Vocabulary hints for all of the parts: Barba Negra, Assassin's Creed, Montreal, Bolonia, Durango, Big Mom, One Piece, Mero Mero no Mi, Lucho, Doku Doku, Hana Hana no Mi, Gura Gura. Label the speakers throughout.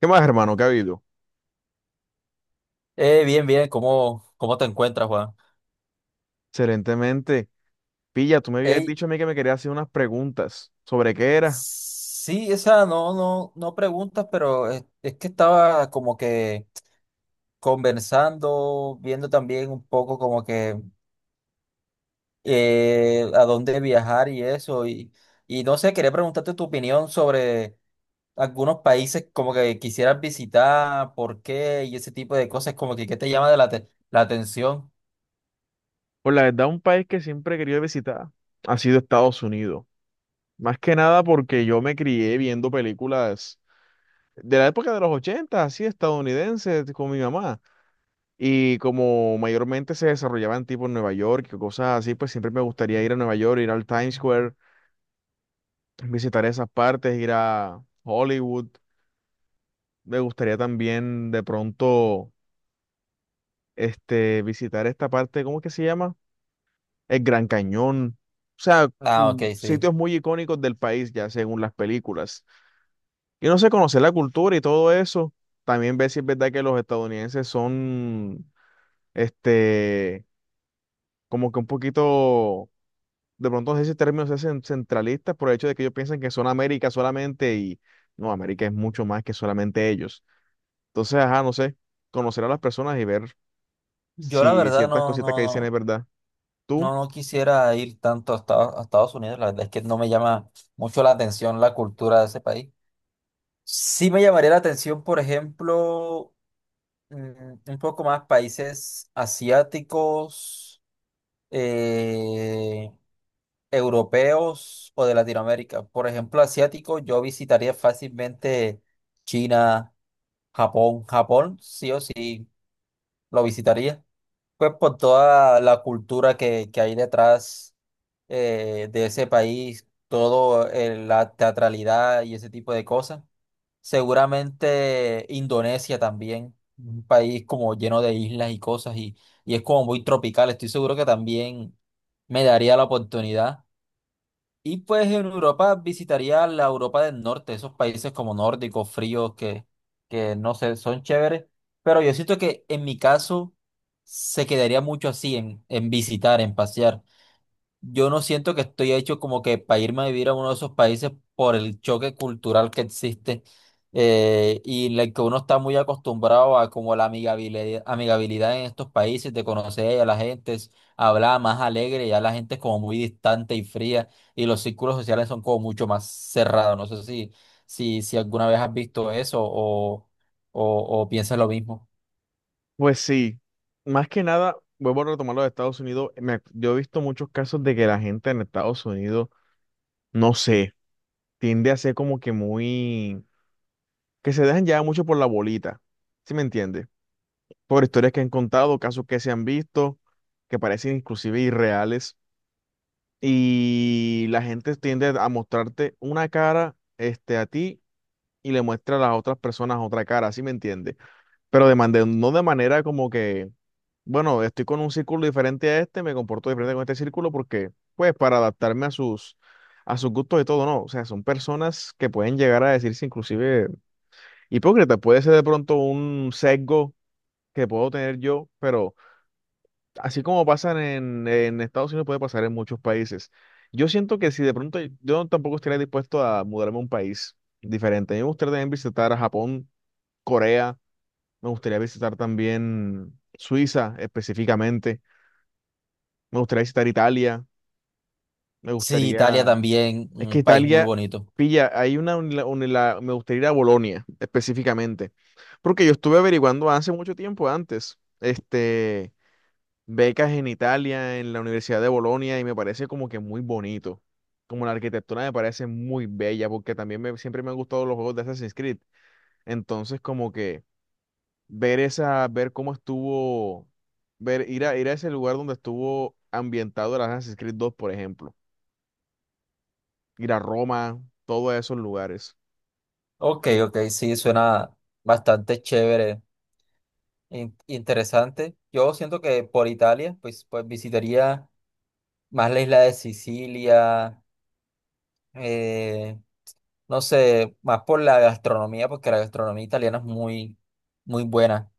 Speaker 1: ¿Qué más, hermano? ¿Qué ha habido?
Speaker 2: Bien, bien, ¿cómo te encuentras, Juan?
Speaker 1: Excelentemente. Pilla, tú me habías
Speaker 2: Ey,
Speaker 1: dicho a mí que me querías hacer unas preguntas. ¿Sobre qué era?
Speaker 2: sí, o sea, no, no, no preguntas, pero es que estaba como que conversando, viendo también un poco como que a dónde viajar y eso, y no sé, quería preguntarte tu opinión sobre algunos países como que quisieras visitar, por qué y ese tipo de cosas, como que qué te llama de la, la atención.
Speaker 1: Pues la verdad, un país que siempre he querido visitar ha sido Estados Unidos. Más que nada porque yo me crié viendo películas de la época de los 80, así estadounidenses, con mi mamá. Y como mayormente se desarrollaban tipo en Nueva York y cosas así, pues siempre me gustaría ir a Nueva York, ir al Times Square, visitar esas partes, ir a Hollywood. Me gustaría también de pronto visitar esta parte, ¿cómo es que se llama? El Gran Cañón. O sea,
Speaker 2: Ah, ok, sí.
Speaker 1: sitios muy icónicos del país, ya según las películas. Y no sé, conocer la cultura y todo eso. También ver si es verdad que los estadounidenses son, este, como que un poquito, de pronto no sé si el término sea centralistas por el hecho de que ellos piensan que son América solamente y no, América es mucho más que solamente ellos. Entonces, ajá, no sé, conocer a las personas y ver
Speaker 2: Yo la
Speaker 1: si
Speaker 2: verdad
Speaker 1: ciertas
Speaker 2: no,
Speaker 1: cositas
Speaker 2: no,
Speaker 1: que dicen es
Speaker 2: no.
Speaker 1: verdad. ¿Tú?
Speaker 2: No, no quisiera ir tanto a Estados Unidos, la verdad es que no me llama mucho la atención la cultura de ese país. Sí me llamaría la atención, por ejemplo, mm, un poco más países asiáticos, eh, europeos o de Latinoamérica. Por ejemplo, asiático, yo visitaría fácilmente China, Japón. Japón, sí o sí, lo visitaría. Pues por toda la cultura que hay detrás de ese país, todo la teatralidad y ese tipo de cosas. Seguramente Indonesia también, un país como lleno de islas y cosas y es como muy tropical. Estoy seguro que también me daría la oportunidad. Y pues en Europa visitaría la Europa del Norte, esos países como nórdicos, fríos, que no sé, son chéveres. Pero yo siento que en mi caso se quedaría mucho así, en visitar, en pasear. Yo no siento que estoy hecho como que para irme a vivir a uno de esos países por el choque cultural que existe y en el que uno está muy acostumbrado a como la amigabilidad, amigabilidad en estos países, de conocer a la gente, hablar más alegre, ya la gente es como muy distante y fría y los círculos sociales son como mucho más cerrados. No sé si alguna vez has visto eso o piensas lo mismo.
Speaker 1: Pues sí, más que nada, vuelvo a retomar lo de Estados Unidos. Yo he visto muchos casos de que la gente en Estados Unidos, no sé, tiende a ser como que muy, que se dejan llevar mucho por la bolita, ¿sí me entiendes? Por historias que han contado, casos que se han visto, que parecen inclusive irreales, y la gente tiende a mostrarte una cara, a ti y le muestra a las otras personas otra cara, ¿sí me entiendes? Pero no de manera como que, bueno, estoy con un círculo diferente a este, me comporto diferente con este círculo porque, pues, para adaptarme a sus, gustos y todo, no. O sea, son personas que pueden llegar a decirse inclusive hipócritas. Puede ser de pronto un sesgo que puedo tener yo, pero así como pasan en Estados Unidos, puede pasar en muchos países. Yo siento que si de pronto yo tampoco estaría dispuesto a mudarme a un país diferente. A mí me gustaría también visitar Japón, Corea, me gustaría visitar también Suiza específicamente. Me gustaría visitar Italia. Me
Speaker 2: Sí, Italia
Speaker 1: gustaría...
Speaker 2: también,
Speaker 1: Es que
Speaker 2: un país muy
Speaker 1: Italia,
Speaker 2: bonito.
Speaker 1: pilla, hay me gustaría ir a Bolonia específicamente. Porque yo estuve averiguando hace mucho tiempo antes, becas en Italia, en la Universidad de Bolonia, y me parece como que muy bonito. Como la arquitectura me parece muy bella, porque también siempre me han gustado los juegos de Assassin's Creed. Entonces, como que... ver cómo estuvo, ir a ese lugar donde estuvo ambientado el Assassin's Creed dos, por ejemplo. Ir a Roma, todos esos lugares.
Speaker 2: Ok, ok, sí, suena bastante chévere, interesante. Yo siento que por Italia, pues, pues visitaría más la isla de Sicilia, eh, no sé, más por la gastronomía, porque la gastronomía italiana es muy, muy buena.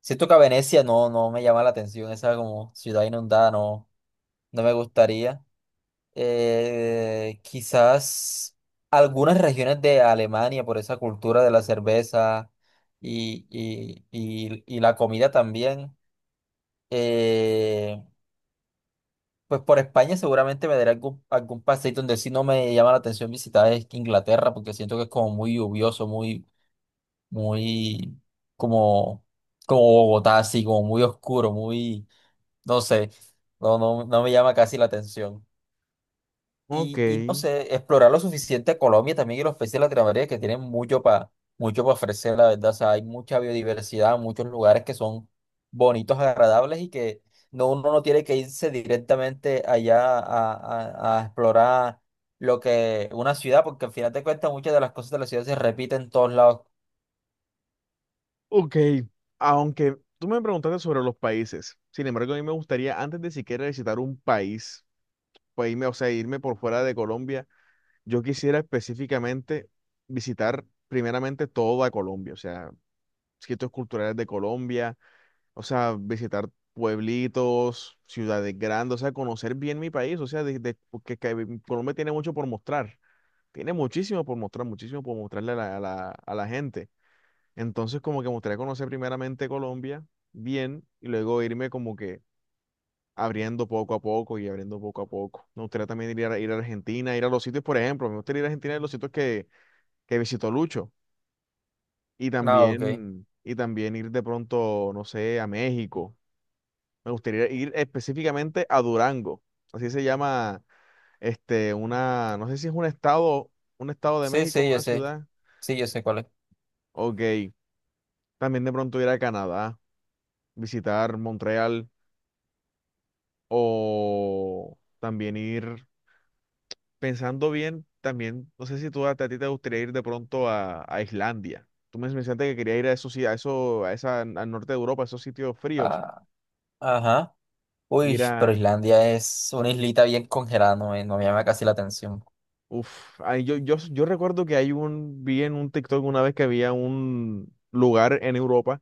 Speaker 2: Siento que a Venecia no, no me llama la atención, esa como ciudad inundada, no, no me gustaría. Quizás algunas regiones de Alemania por esa cultura de la cerveza y, y la comida también. Eh, pues por España seguramente me daré algún, algún paseíto donde sí no me llama la atención visitar es Inglaterra porque siento que es como muy lluvioso, muy, muy como, como Bogotá, así como muy oscuro, muy, no sé, no, no, no me llama casi la atención.
Speaker 1: Ok,
Speaker 2: Y no sé, explorar lo suficiente Colombia también y los países de Latinoamérica que tienen mucho para mucho para ofrecer, la verdad. O sea, hay mucha biodiversidad, muchos lugares que son bonitos, agradables y que no, uno no tiene que irse directamente allá a, a explorar lo que una ciudad, porque al final te cuentas muchas de las cosas de la ciudad se repiten en todos lados.
Speaker 1: ok. Aunque tú me preguntaste sobre los países, sin embargo, a mí me gustaría, antes de siquiera visitar un país, pues irme, o sea, irme por fuera de Colombia, yo quisiera específicamente visitar primeramente toda Colombia, o sea, sitios culturales de Colombia. O sea, visitar pueblitos, ciudades grandes, o sea, conocer bien mi país, o sea, porque que Colombia tiene mucho por mostrar, tiene muchísimo por mostrar, muchísimo por mostrarle a la, a la gente. Entonces, como que me gustaría conocer primeramente Colombia bien y luego irme como que abriendo poco a poco y abriendo poco a poco. Me gustaría también ir a, Argentina, ir a los sitios, por ejemplo, me gustaría ir a Argentina de los sitios que visitó Lucho y
Speaker 2: Ah, ok.
Speaker 1: también, y también ir de pronto, no sé, a México. Me gustaría ir específicamente a Durango. Así se llama, una, no sé si es un estado de
Speaker 2: Sí,
Speaker 1: México,
Speaker 2: sí, yo
Speaker 1: una
Speaker 2: sé.
Speaker 1: ciudad.
Speaker 2: Sí, yo sé cuál es.
Speaker 1: Ok. También de pronto ir a Canadá, visitar Montreal o también ir, pensando bien, también, no sé si tú a, ti te gustaría ir de pronto a, Islandia. Tú me mencionaste que quería ir a esos, a eso, a esa, al norte de Europa, a esos sitios fríos,
Speaker 2: Ah, ajá.
Speaker 1: ir
Speaker 2: Uy, pero
Speaker 1: a
Speaker 2: Islandia es una islita bien congelada, no me, no me llama casi la atención.
Speaker 1: uf, ay, yo recuerdo que hay vi en un TikTok una vez que había un lugar en Europa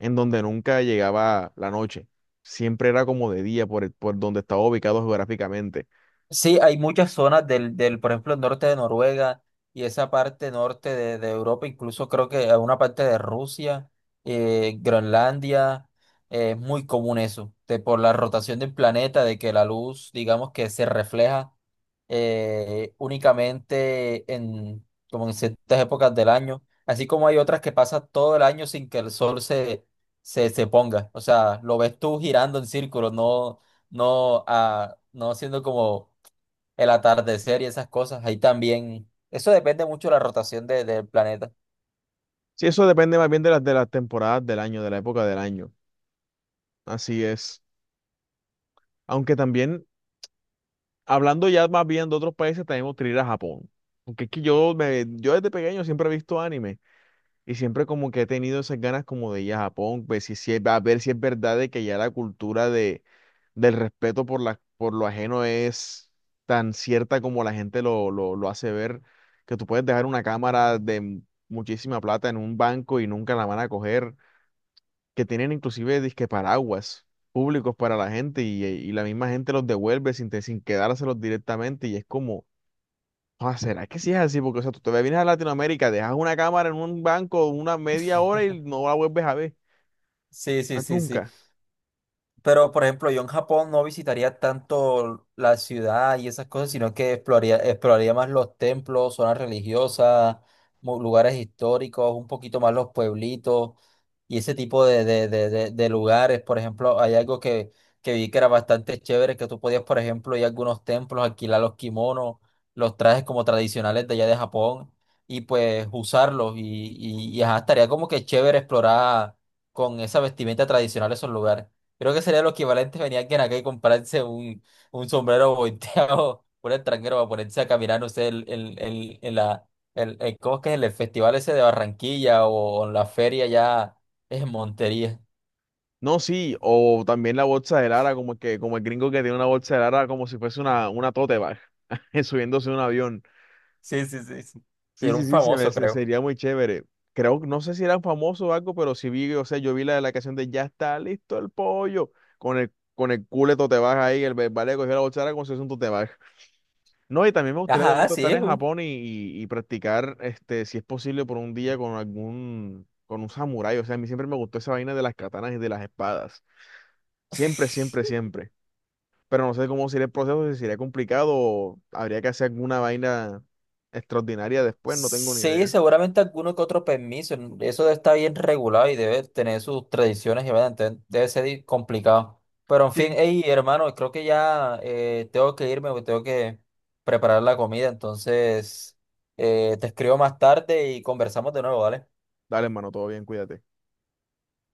Speaker 1: en donde nunca llegaba la noche. Siempre era como de día por donde estaba ubicado geográficamente.
Speaker 2: Sí, hay muchas zonas del por ejemplo, el norte de Noruega y esa parte norte de Europa, incluso creo que a una parte de Rusia, Groenlandia, es muy común eso, de, por la rotación del planeta, de que la luz, digamos que se refleja únicamente en, como en ciertas épocas del año, así como hay otras que pasan todo el año sin que el sol se, se, se ponga, o sea, lo ves tú girando en círculos, no, no, no haciendo como el atardecer y esas cosas. Ahí también, eso depende mucho de la rotación del planeta.
Speaker 1: Sí, eso depende más bien de las temporadas del año, de la época del año. Así es. Aunque también, hablando ya más bien de otros países, también podría ir a Japón. Porque es que yo desde pequeño siempre he visto anime. Y siempre como que he tenido esas ganas como de ir a Japón, ver a ver si es verdad de que ya la cultura del respeto por lo ajeno es tan cierta como la gente lo hace ver, que tú puedes dejar una cámara de muchísima plata en un banco y nunca la van a coger, que tienen inclusive disque paraguas públicos para la gente y la misma gente los devuelve sin quedárselos directamente y es como... Ah, ¿será que sí es así? Porque, o sea, tú te vienes a Latinoamérica, dejas una cámara en un banco una media hora y no la vuelves a ver,
Speaker 2: Sí, sí,
Speaker 1: más
Speaker 2: sí, sí.
Speaker 1: nunca.
Speaker 2: Pero, por ejemplo, yo en Japón no visitaría tanto la ciudad y esas cosas, sino que exploraría, exploraría más los templos, zonas religiosas, lugares históricos, un poquito más los pueblitos y ese tipo de lugares. Por ejemplo, hay algo que vi que era bastante chévere, que tú podías, por ejemplo, ir a algunos templos, alquilar los kimonos, los trajes como tradicionales de allá de Japón y pues usarlos. Y ajá, estaría como que chévere explorar con esa vestimenta tradicional esos lugares. Creo que sería lo equivalente venir alguien acá y comprarse un sombrero volteado por el extranjero para ponerse a caminar, no sé, en la, ¿cómo es que es? El festival ese de Barranquilla o en la feria ya en Montería.
Speaker 1: No, sí, o también la bolsa de Lara, como el gringo que tiene una bolsa de Lara como si fuese una tote bag, subiéndose a un avión.
Speaker 2: Sí, sí, sí, sí. Y
Speaker 1: Sí,
Speaker 2: era
Speaker 1: sí,
Speaker 2: un
Speaker 1: sí,
Speaker 2: famoso, creo.
Speaker 1: sería muy chévere. Creo, no sé si eran famosos o algo, pero sí vi, o sea, yo vi la de la canción de Ya está listo el pollo, con el, culo de tote bag ahí, el vale cogió la bolsa de Lara como si fuese un tote bag. No, y también me gustaría de
Speaker 2: Ajá,
Speaker 1: pronto
Speaker 2: sí,
Speaker 1: estar
Speaker 2: es
Speaker 1: en
Speaker 2: un.
Speaker 1: Japón y practicar, si es posible, por un día con un samurái. O sea, a mí siempre me gustó esa vaina de las katanas y de las espadas. Siempre, siempre, siempre. Pero no sé cómo sería el proceso, si sería complicado o habría que hacer alguna vaina extraordinaria después, no tengo ni
Speaker 2: Sí,
Speaker 1: idea.
Speaker 2: seguramente alguno que otro permiso. Eso está bien regulado y debe tener sus tradiciones y vaina, entonces debe ser complicado. Pero en fin,
Speaker 1: Sí.
Speaker 2: hey, hermano, creo que ya tengo que irme porque tengo que preparar la comida. Entonces, te escribo más tarde y conversamos de nuevo, ¿vale?
Speaker 1: Dale, hermano, todo bien, cuídate.